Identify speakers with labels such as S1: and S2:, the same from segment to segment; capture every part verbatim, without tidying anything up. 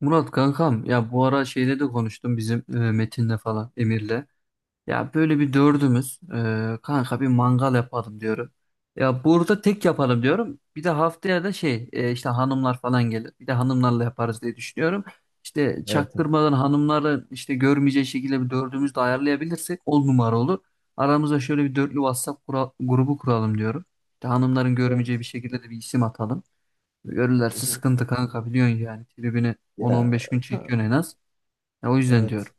S1: Murat kankam ya bu ara şeyle de konuştum bizim e, Metin'le falan Emir'le. Ya böyle bir dördümüz e, kanka bir mangal yapalım diyorum. Ya burada tek yapalım diyorum. Bir de haftaya da şey e, işte hanımlar falan gelir. Bir de hanımlarla yaparız diye düşünüyorum. İşte
S2: Evet, evet.
S1: çaktırmadan hanımları işte görmeyeceği şekilde bir dördümüz de ayarlayabilirsek on numara olur. Aramıza şöyle bir dörtlü WhatsApp kura- grubu kuralım diyorum. İşte hanımların görmeyeceği bir
S2: Evet.
S1: şekilde de bir isim atalım. Görürlerse
S2: Hı.
S1: sıkıntı kanka biliyorsun yani. Tribini
S2: Ya,
S1: on on beş gün
S2: ka-
S1: çekiyorsun en az. Ya o yüzden diyorum.
S2: evet.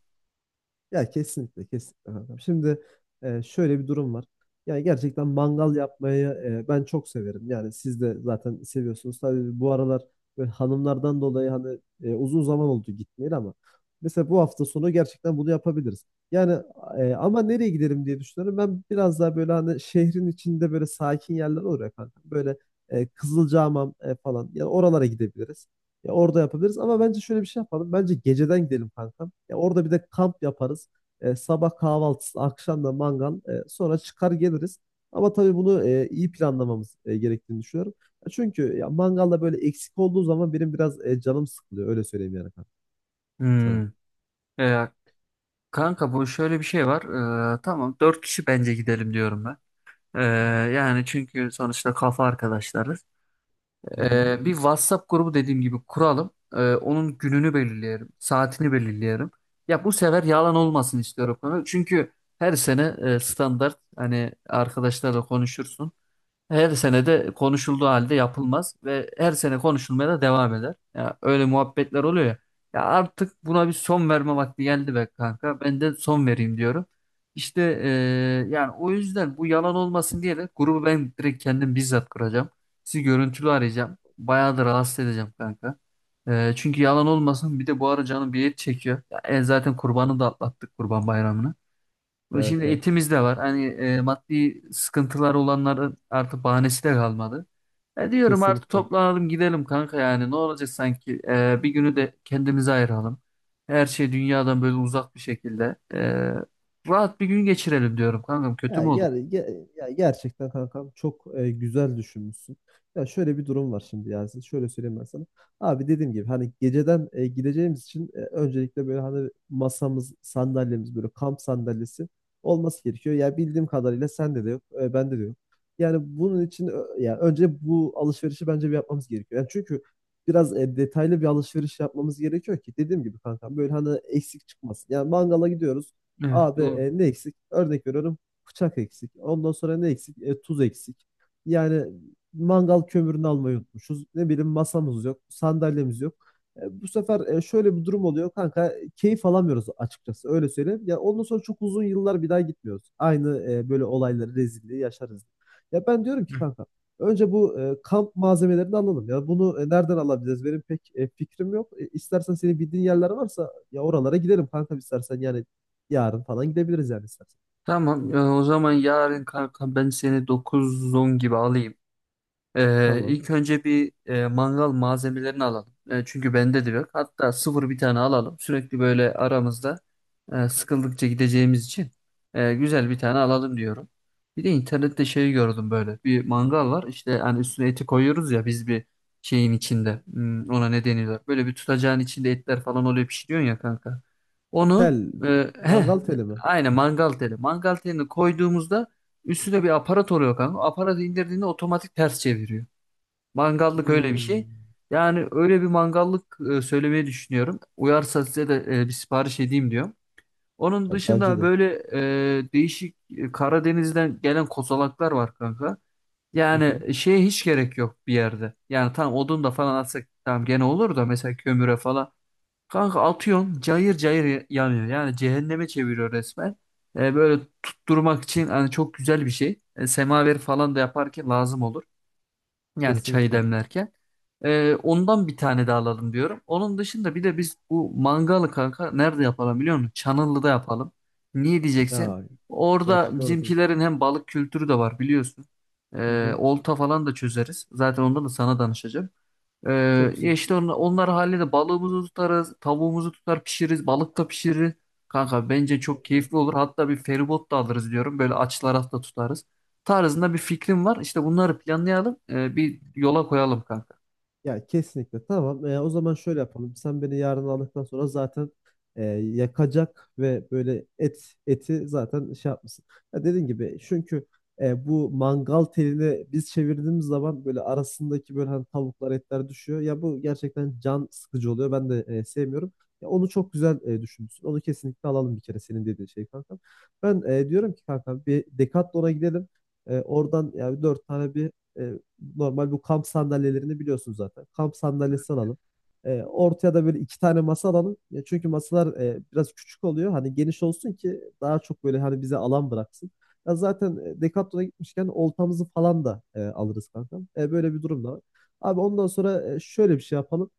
S2: Ya, kesinlikle, kesinlikle, kankam. Şimdi, e, şöyle bir durum var. Yani, gerçekten mangal yapmayı, e, ben çok severim. Yani siz de zaten seviyorsunuz. Tabii bu aralar böyle hanımlardan dolayı, hani, e, uzun zaman oldu gitmeyeli, ama mesela bu hafta sonu gerçekten bunu yapabiliriz. Yani, e, ama nereye gidelim diye düşünüyorum. Ben biraz daha böyle hani şehrin içinde böyle sakin yerler olur ya, kankam. Böyle, e, Kızılcahamam, e, falan. Yani oralara gidebiliriz. Ya orada yapabiliriz ama bence şöyle bir şey yapalım. Bence geceden gidelim, kankam. Ya orada bir de kamp yaparız. E, sabah kahvaltısı, akşam da mangal. E, sonra çıkar geliriz. Ama tabii bunu e, iyi planlamamız e, gerektiğini düşünüyorum. Ya çünkü ya mangalda böyle eksik olduğu zaman benim biraz e, canım sıkılıyor. Öyle söyleyeyim yani, kankam, sana.
S1: Hmm. E, Kanka bu şöyle bir şey var. E, tamam dört kişi bence gidelim diyorum ben. E, Yani çünkü sonuçta kafa arkadaşlarız.
S2: Hı hı.
S1: E, bir WhatsApp grubu dediğim gibi kuralım. E, onun gününü belirleyelim. Saatini belirleyelim. Ya bu sefer yalan olmasın istiyorum konu. Çünkü her sene e, standart hani arkadaşlarla konuşursun. Her sene de konuşulduğu halde yapılmaz ve her sene konuşulmaya da devam eder. Ya öyle muhabbetler oluyor ya. Ya artık buna bir son verme vakti geldi be kanka. Ben de son vereyim diyorum. İşte eee, Yani o yüzden bu yalan olmasın diye de grubu ben direkt kendim bizzat kuracağım. Sizi görüntülü arayacağım. Bayağı da rahatsız edeceğim kanka. Eee, çünkü yalan olmasın bir de bu ara canım bir et çekiyor. Ya, e, zaten kurbanı da atlattık kurban bayramını. Ve
S2: Evet,
S1: şimdi
S2: evet.
S1: etimiz de var. Hani e, maddi sıkıntılar olanların artık bahanesi de kalmadı. E diyorum artık
S2: Kesinlikle.
S1: toplanalım gidelim kanka yani ne olacak sanki. E, bir günü de kendimize ayıralım. Her şey dünyadan böyle uzak bir şekilde. E, rahat bir gün geçirelim diyorum kankam, kötü mü
S2: Ya,
S1: olur?
S2: ger ge- ya gerçekten, kankam, çok e, güzel düşünmüşsün. Ya şöyle bir durum var şimdi, Yasin. Şöyle söyleyeyim ben sana. Abi, dediğim gibi hani geceden, e, gideceğimiz için, e, öncelikle böyle hani masamız, sandalyemiz böyle kamp sandalyesi olması gerekiyor. Ya bildiğim kadarıyla sende de yok, e, bende de yok. Yani bunun için ö- ya önce bu alışverişi bence bir yapmamız gerekiyor. Yani çünkü biraz e, detaylı bir alışveriş yapmamız gerekiyor ki dediğim gibi, kankam, böyle hani eksik çıkmasın. Yani mangala gidiyoruz.
S1: Evet,
S2: Abi,
S1: doğru.
S2: e, ne eksik? Örnek veriyorum, bıçak eksik. Ondan sonra ne eksik? E, tuz eksik. Yani mangal kömürünü almayı unutmuşuz. Ne bileyim, masamız yok, sandalyemiz yok. E, bu sefer e, şöyle bir durum oluyor, kanka. Keyif alamıyoruz açıkçası, öyle söyleyeyim. Ya ondan sonra çok uzun yıllar bir daha gitmiyoruz. Aynı e, böyle olayları, rezilliği yaşarız. Ya ben diyorum ki,
S1: Hı.
S2: kanka, önce bu e, kamp malzemelerini alalım ya. Bunu e, nereden alabiliriz? Benim pek e, fikrim yok. E, istersen senin bildiğin yerler varsa ya oralara gidelim, kanka, istersen, yani yarın falan gidebiliriz yani istersen.
S1: Tamam, e, o zaman yarın kanka ben seni dokuz on gibi alayım. Ee,
S2: Tamam.
S1: ilk önce bir e, mangal malzemelerini alalım. E, çünkü bende de yok. Hatta sıfır bir tane alalım. Sürekli böyle aramızda e, sıkıldıkça gideceğimiz için e, güzel bir tane alalım diyorum. Bir de internette şey gördüm böyle. Bir mangal var. İşte hani üstüne eti koyuyoruz ya biz bir şeyin içinde. Hmm, ona ne deniyorlar? Böyle bir tutacağın içinde etler falan oluyor, pişiriyorsun ya kanka. Onu
S2: Tel.
S1: e, heh,
S2: Mangal teli mi?
S1: aynen, mangal teli. Mangal telini koyduğumuzda üstünde bir aparat oluyor kanka. Aparatı indirdiğinde otomatik ters çeviriyor. Mangallık öyle bir şey.
S2: Hmm.
S1: Yani öyle bir mangallık e, söylemeyi düşünüyorum. Uyarsa size de e, bir sipariş edeyim diyorum. Onun
S2: Ya, bence
S1: dışında
S2: de.
S1: böyle e, değişik e, Karadeniz'den gelen kozalaklar var kanka.
S2: Hı hı.
S1: Yani şeye hiç gerek yok bir yerde. Yani tam odun da falan atsak tamam gene olur da mesela kömüre falan. Kanka atıyorsun cayır cayır yanıyor. Yani cehenneme çeviriyor resmen. E, böyle tutturmak için hani çok güzel bir şey. E, semaver falan da yaparken lazım olur. Yani çayı
S2: Kesinlikle.
S1: demlerken. E, ondan bir tane daha alalım diyorum. Onun dışında bir de biz bu mangalı kanka nerede yapalım biliyor musun? Çanıllı'da yapalım. Niye diyeceksin?
S2: Ya,
S1: Orada
S2: gerçekten orada.
S1: bizimkilerin hem balık kültürü de var biliyorsun.
S2: Hı
S1: E,
S2: hı.
S1: olta falan da çözeriz. Zaten ondan da sana danışacağım. Ee,
S2: Çok
S1: Ya
S2: güzel.
S1: işte onlar, onlar halinde balığımızı tutarız, tavuğumuzu tutar pişiririz, balık da pişiririz. Kanka bence çok
S2: Çok güzel.
S1: keyifli olur. Hatta bir feribot da alırız diyorum. Böyle açılara da tutarız. Tarzında bir fikrim var. İşte bunları planlayalım, e, bir yola koyalım kanka.
S2: Ya kesinlikle, tamam. Ee, o zaman şöyle yapalım. Sen beni yarın aldıktan sonra zaten e, yakacak ve böyle et eti zaten şey yapmışsın. Ya dediğin gibi, çünkü e, bu mangal telini biz çevirdiğimiz zaman böyle arasındaki böyle hani tavuklar, etler düşüyor. Ya bu gerçekten can sıkıcı oluyor. Ben de e, sevmiyorum. Ya onu çok güzel e, düşünmüşsün. Onu kesinlikle alalım, bir kere senin dediğin şey, kankam. Ben e, diyorum ki, kankam, bir Decathlon'a gidelim. E, oradan yani dört tane bir e, normal bu kamp sandalyelerini biliyorsun zaten. Kamp sandalyesi alalım. E, ortaya da böyle iki tane masa alalım. Ya çünkü masalar e, biraz küçük oluyor. Hani geniş olsun ki daha çok böyle hani bize alan bıraksın. Ya zaten e, Decathlon'a gitmişken oltamızı falan da e, alırız, kanka. E, böyle bir durum da var. Abi, ondan sonra e, şöyle bir şey yapalım.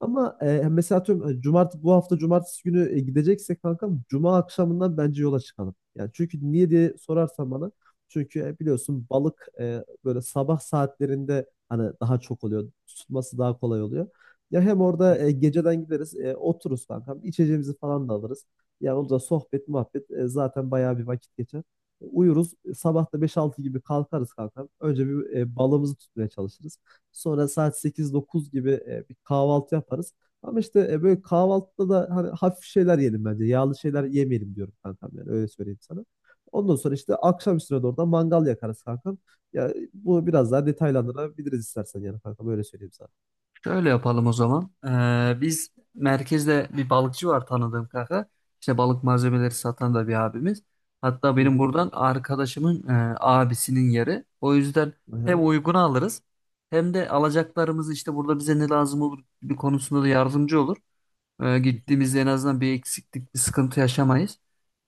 S2: Ama e, mesela atıyorum hani bu hafta cumartesi günü e, gideceksek, kankam, cuma akşamından bence yola çıkalım. Yani çünkü niye diye sorarsan bana, çünkü e, biliyorsun balık e, böyle sabah saatlerinde hani daha çok oluyor. Tutması daha kolay oluyor. Ya hem orada e, geceden gideriz, e, otururuz, kankam, içeceğimizi falan da alırız. Yani orada sohbet muhabbet e, zaten bayağı bir vakit geçer. E, uyuruz. E, sabah da beş altı gibi kalkarız, kankam. Önce bir e, balığımızı tutmaya çalışırız. Sonra saat sekiz dokuz gibi e, bir kahvaltı yaparız. Ama işte e, böyle kahvaltıda da hani hafif şeyler yiyelim bence. Yağlı şeyler yemeyelim diyorum, kankam, yani öyle söyleyeyim sana. Ondan sonra işte akşam üstüne doğru da mangal yakarız, kankam. Ya bu biraz daha detaylandırabiliriz istersen, yani, kankam, öyle söyleyeyim sana.
S1: Şöyle yapalım o zaman. Ee, biz merkezde bir balıkçı var tanıdığım kanka. İşte balık malzemeleri satan da bir abimiz. Hatta
S2: Hı
S1: benim
S2: hı.
S1: buradan arkadaşımın e, abisinin yeri. O yüzden
S2: Aha.
S1: hem uygun alırız hem de alacaklarımız işte burada bize ne lazım olur gibi konusunda da yardımcı olur. Ee,
S2: Hı hı.
S1: gittiğimizde en azından bir eksiklik, bir sıkıntı yaşamayız.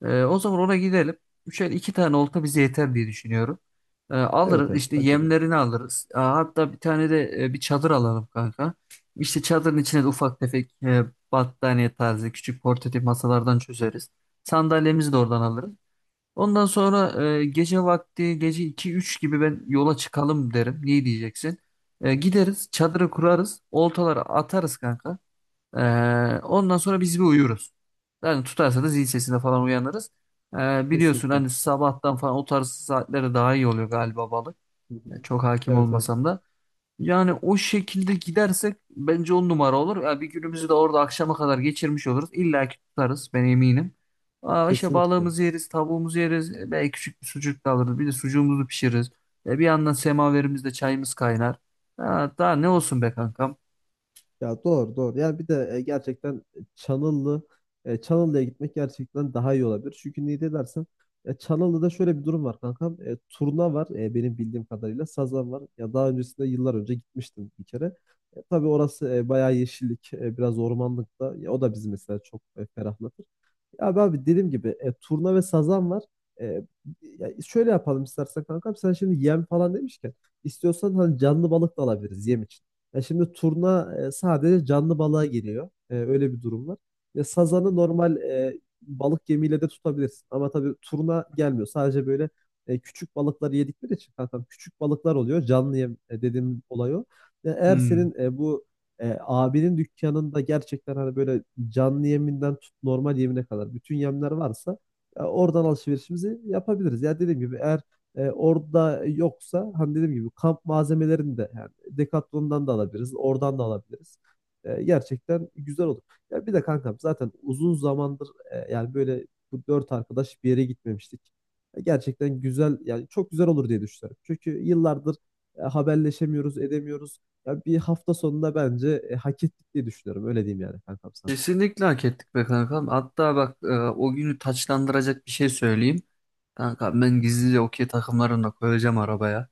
S1: Ee, o zaman ona gidelim. Üçer iki tane olta bize yeter diye düşünüyorum. Ee,
S2: Evet,
S1: alırız
S2: evet,
S1: işte,
S2: bence de.
S1: yemlerini alırız. Aa, hatta bir tane de e, bir çadır alalım kanka. İşte çadırın içine de ufak tefek e, battaniye tarzı küçük portatif masalardan çözeriz. Sandalyemizi de oradan alırız. Ondan sonra e, gece vakti, gece iki üç gibi ben yola çıkalım derim. Niye diyeceksin? E, gideriz, çadırı kurarız. Oltaları atarız kanka. Ee, Ondan sonra biz bir uyuruz. Yani tutarsa da zil sesine falan uyanırız. Ee, biliyorsun
S2: Kesinlikle.
S1: hani sabahtan falan o tarz saatlere daha iyi oluyor galiba balık.
S2: Hı hı.
S1: Ya çok hakim
S2: Evet, evet,
S1: olmasam da. Yani o şekilde gidersek bence on numara olur. Ya bir günümüzü de orada akşama kadar geçirmiş oluruz. İlla ki tutarız, ben eminim. Aa, işte
S2: kesinlikle. Hı
S1: balığımızı yeriz, tavuğumuzu yeriz. E, belki küçük bir sucuk da alırız. Bir de sucuğumuzu pişiririz. E, bir yandan semaverimizde çayımız kaynar. Ha, daha ne olsun
S2: hı.
S1: be kankam.
S2: Ya, doğru, doğru. Ya bir de e, gerçekten Çanıllı e, Çanıllı'ya gitmek gerçekten daha iyi olabilir. Çünkü niye de dersen e, Çanıllı'da şöyle bir durum var, kankam. E, turna var e, benim bildiğim kadarıyla. Sazan var. Ya daha öncesinde yıllar önce gitmiştim bir kere. E, tabii orası e, bayağı yeşillik, e, biraz ormanlık da. Ya, o da bizi mesela çok e, ferahlatır. Abi, abi, dediğim gibi e, turna ve sazan var. E, ya şöyle yapalım istersen, kankam. Sen şimdi yem falan demişken istiyorsan hani canlı balık da alabiliriz yem için. Ya şimdi turna e, sadece canlı balığa geliyor. E, öyle bir durum var. Ya sazanı normal e, balık yemiyle de tutabilirsin. Ama tabii turna gelmiyor. Sadece böyle e, küçük balıkları yedikleri için, kankam, küçük balıklar oluyor. Canlı yem, e, dediğim olay o. Ya eğer
S1: Hmm.
S2: senin e, bu e, abinin dükkanında gerçekten hani böyle canlı yeminden tut normal yemine kadar bütün yemler varsa e, oradan alışverişimizi yapabiliriz. Ya dediğim gibi, eğer e, orada yoksa hani dediğim gibi kamp malzemelerini de yani Decathlon'dan da alabiliriz, oradan da alabiliriz. E, gerçekten güzel olur. Ya bir de, kankam, zaten uzun zamandır e, yani böyle bu dört arkadaş bir yere gitmemiştik. E, gerçekten güzel, yani çok güzel olur diye düşünüyorum. Çünkü yıllardır e, haberleşemiyoruz, edemiyoruz. Ya, bir hafta sonunda bence e, hak ettik diye düşünüyorum. Öyle diyeyim yani, kankam, sana.
S1: Kesinlikle hak ettik be kankam. Hatta bak, e, o günü taçlandıracak bir şey söyleyeyim. Kanka ben gizlice okey takımlarını da koyacağım arabaya.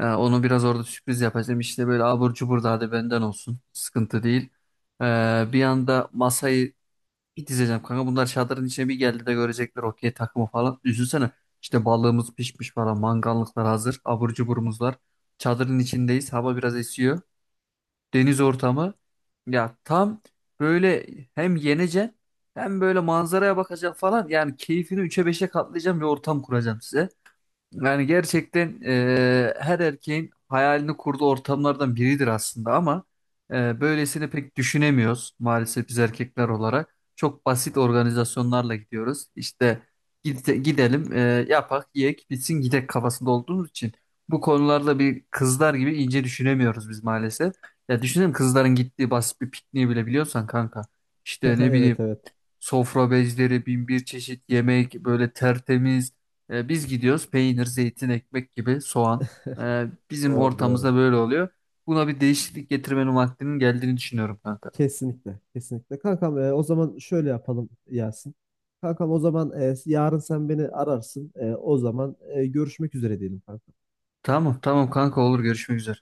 S1: E, onu biraz orada sürpriz yapacağım. İşte böyle abur cubur da hadi benden olsun. Sıkıntı değil. E, Bir anda masayı bir dizeceğim kanka. Bunlar çadırın içine bir geldi de görecekler okey takımı falan. Üzülsene. İşte balığımız pişmiş falan. Mangallıklar hazır. Abur cuburumuz var. Çadırın içindeyiz. Hava biraz esiyor, deniz ortamı. Ya tam böyle hem yeneceksin hem böyle manzaraya bakacaksın falan. Yani keyfini üçe beşe katlayacağım bir ortam kuracağım size. Yani gerçekten e, her erkeğin hayalini kurduğu ortamlardan biridir aslında ama e, böylesini pek düşünemiyoruz maalesef biz erkekler olarak. Çok basit organizasyonlarla gidiyoruz. İşte gide- gidelim, e, yapak, yiyek, bitsin, gidek kafasında olduğumuz için bu konularda bir kızlar gibi ince düşünemiyoruz biz maalesef. Ya düşünelim, kızların gittiği basit bir pikniği bile biliyorsan kanka. İşte ne bileyim,
S2: Evet, evet,
S1: sofra bezleri, bin bir çeşit yemek, böyle tertemiz. E, biz gidiyoruz peynir, zeytin, ekmek gibi soğan. E, bizim
S2: doğru, doğru.
S1: ortamımızda böyle oluyor. Buna bir değişiklik getirmenin vaktinin geldiğini düşünüyorum kanka.
S2: Kesinlikle, kesinlikle. Kankam, e, o zaman şöyle yapalım, Yasin. Kankam, o zaman e, yarın sen beni ararsın. E, o zaman e, görüşmek üzere diyelim, kankam.
S1: Tamam, tamam kanka, olur, görüşmek üzere.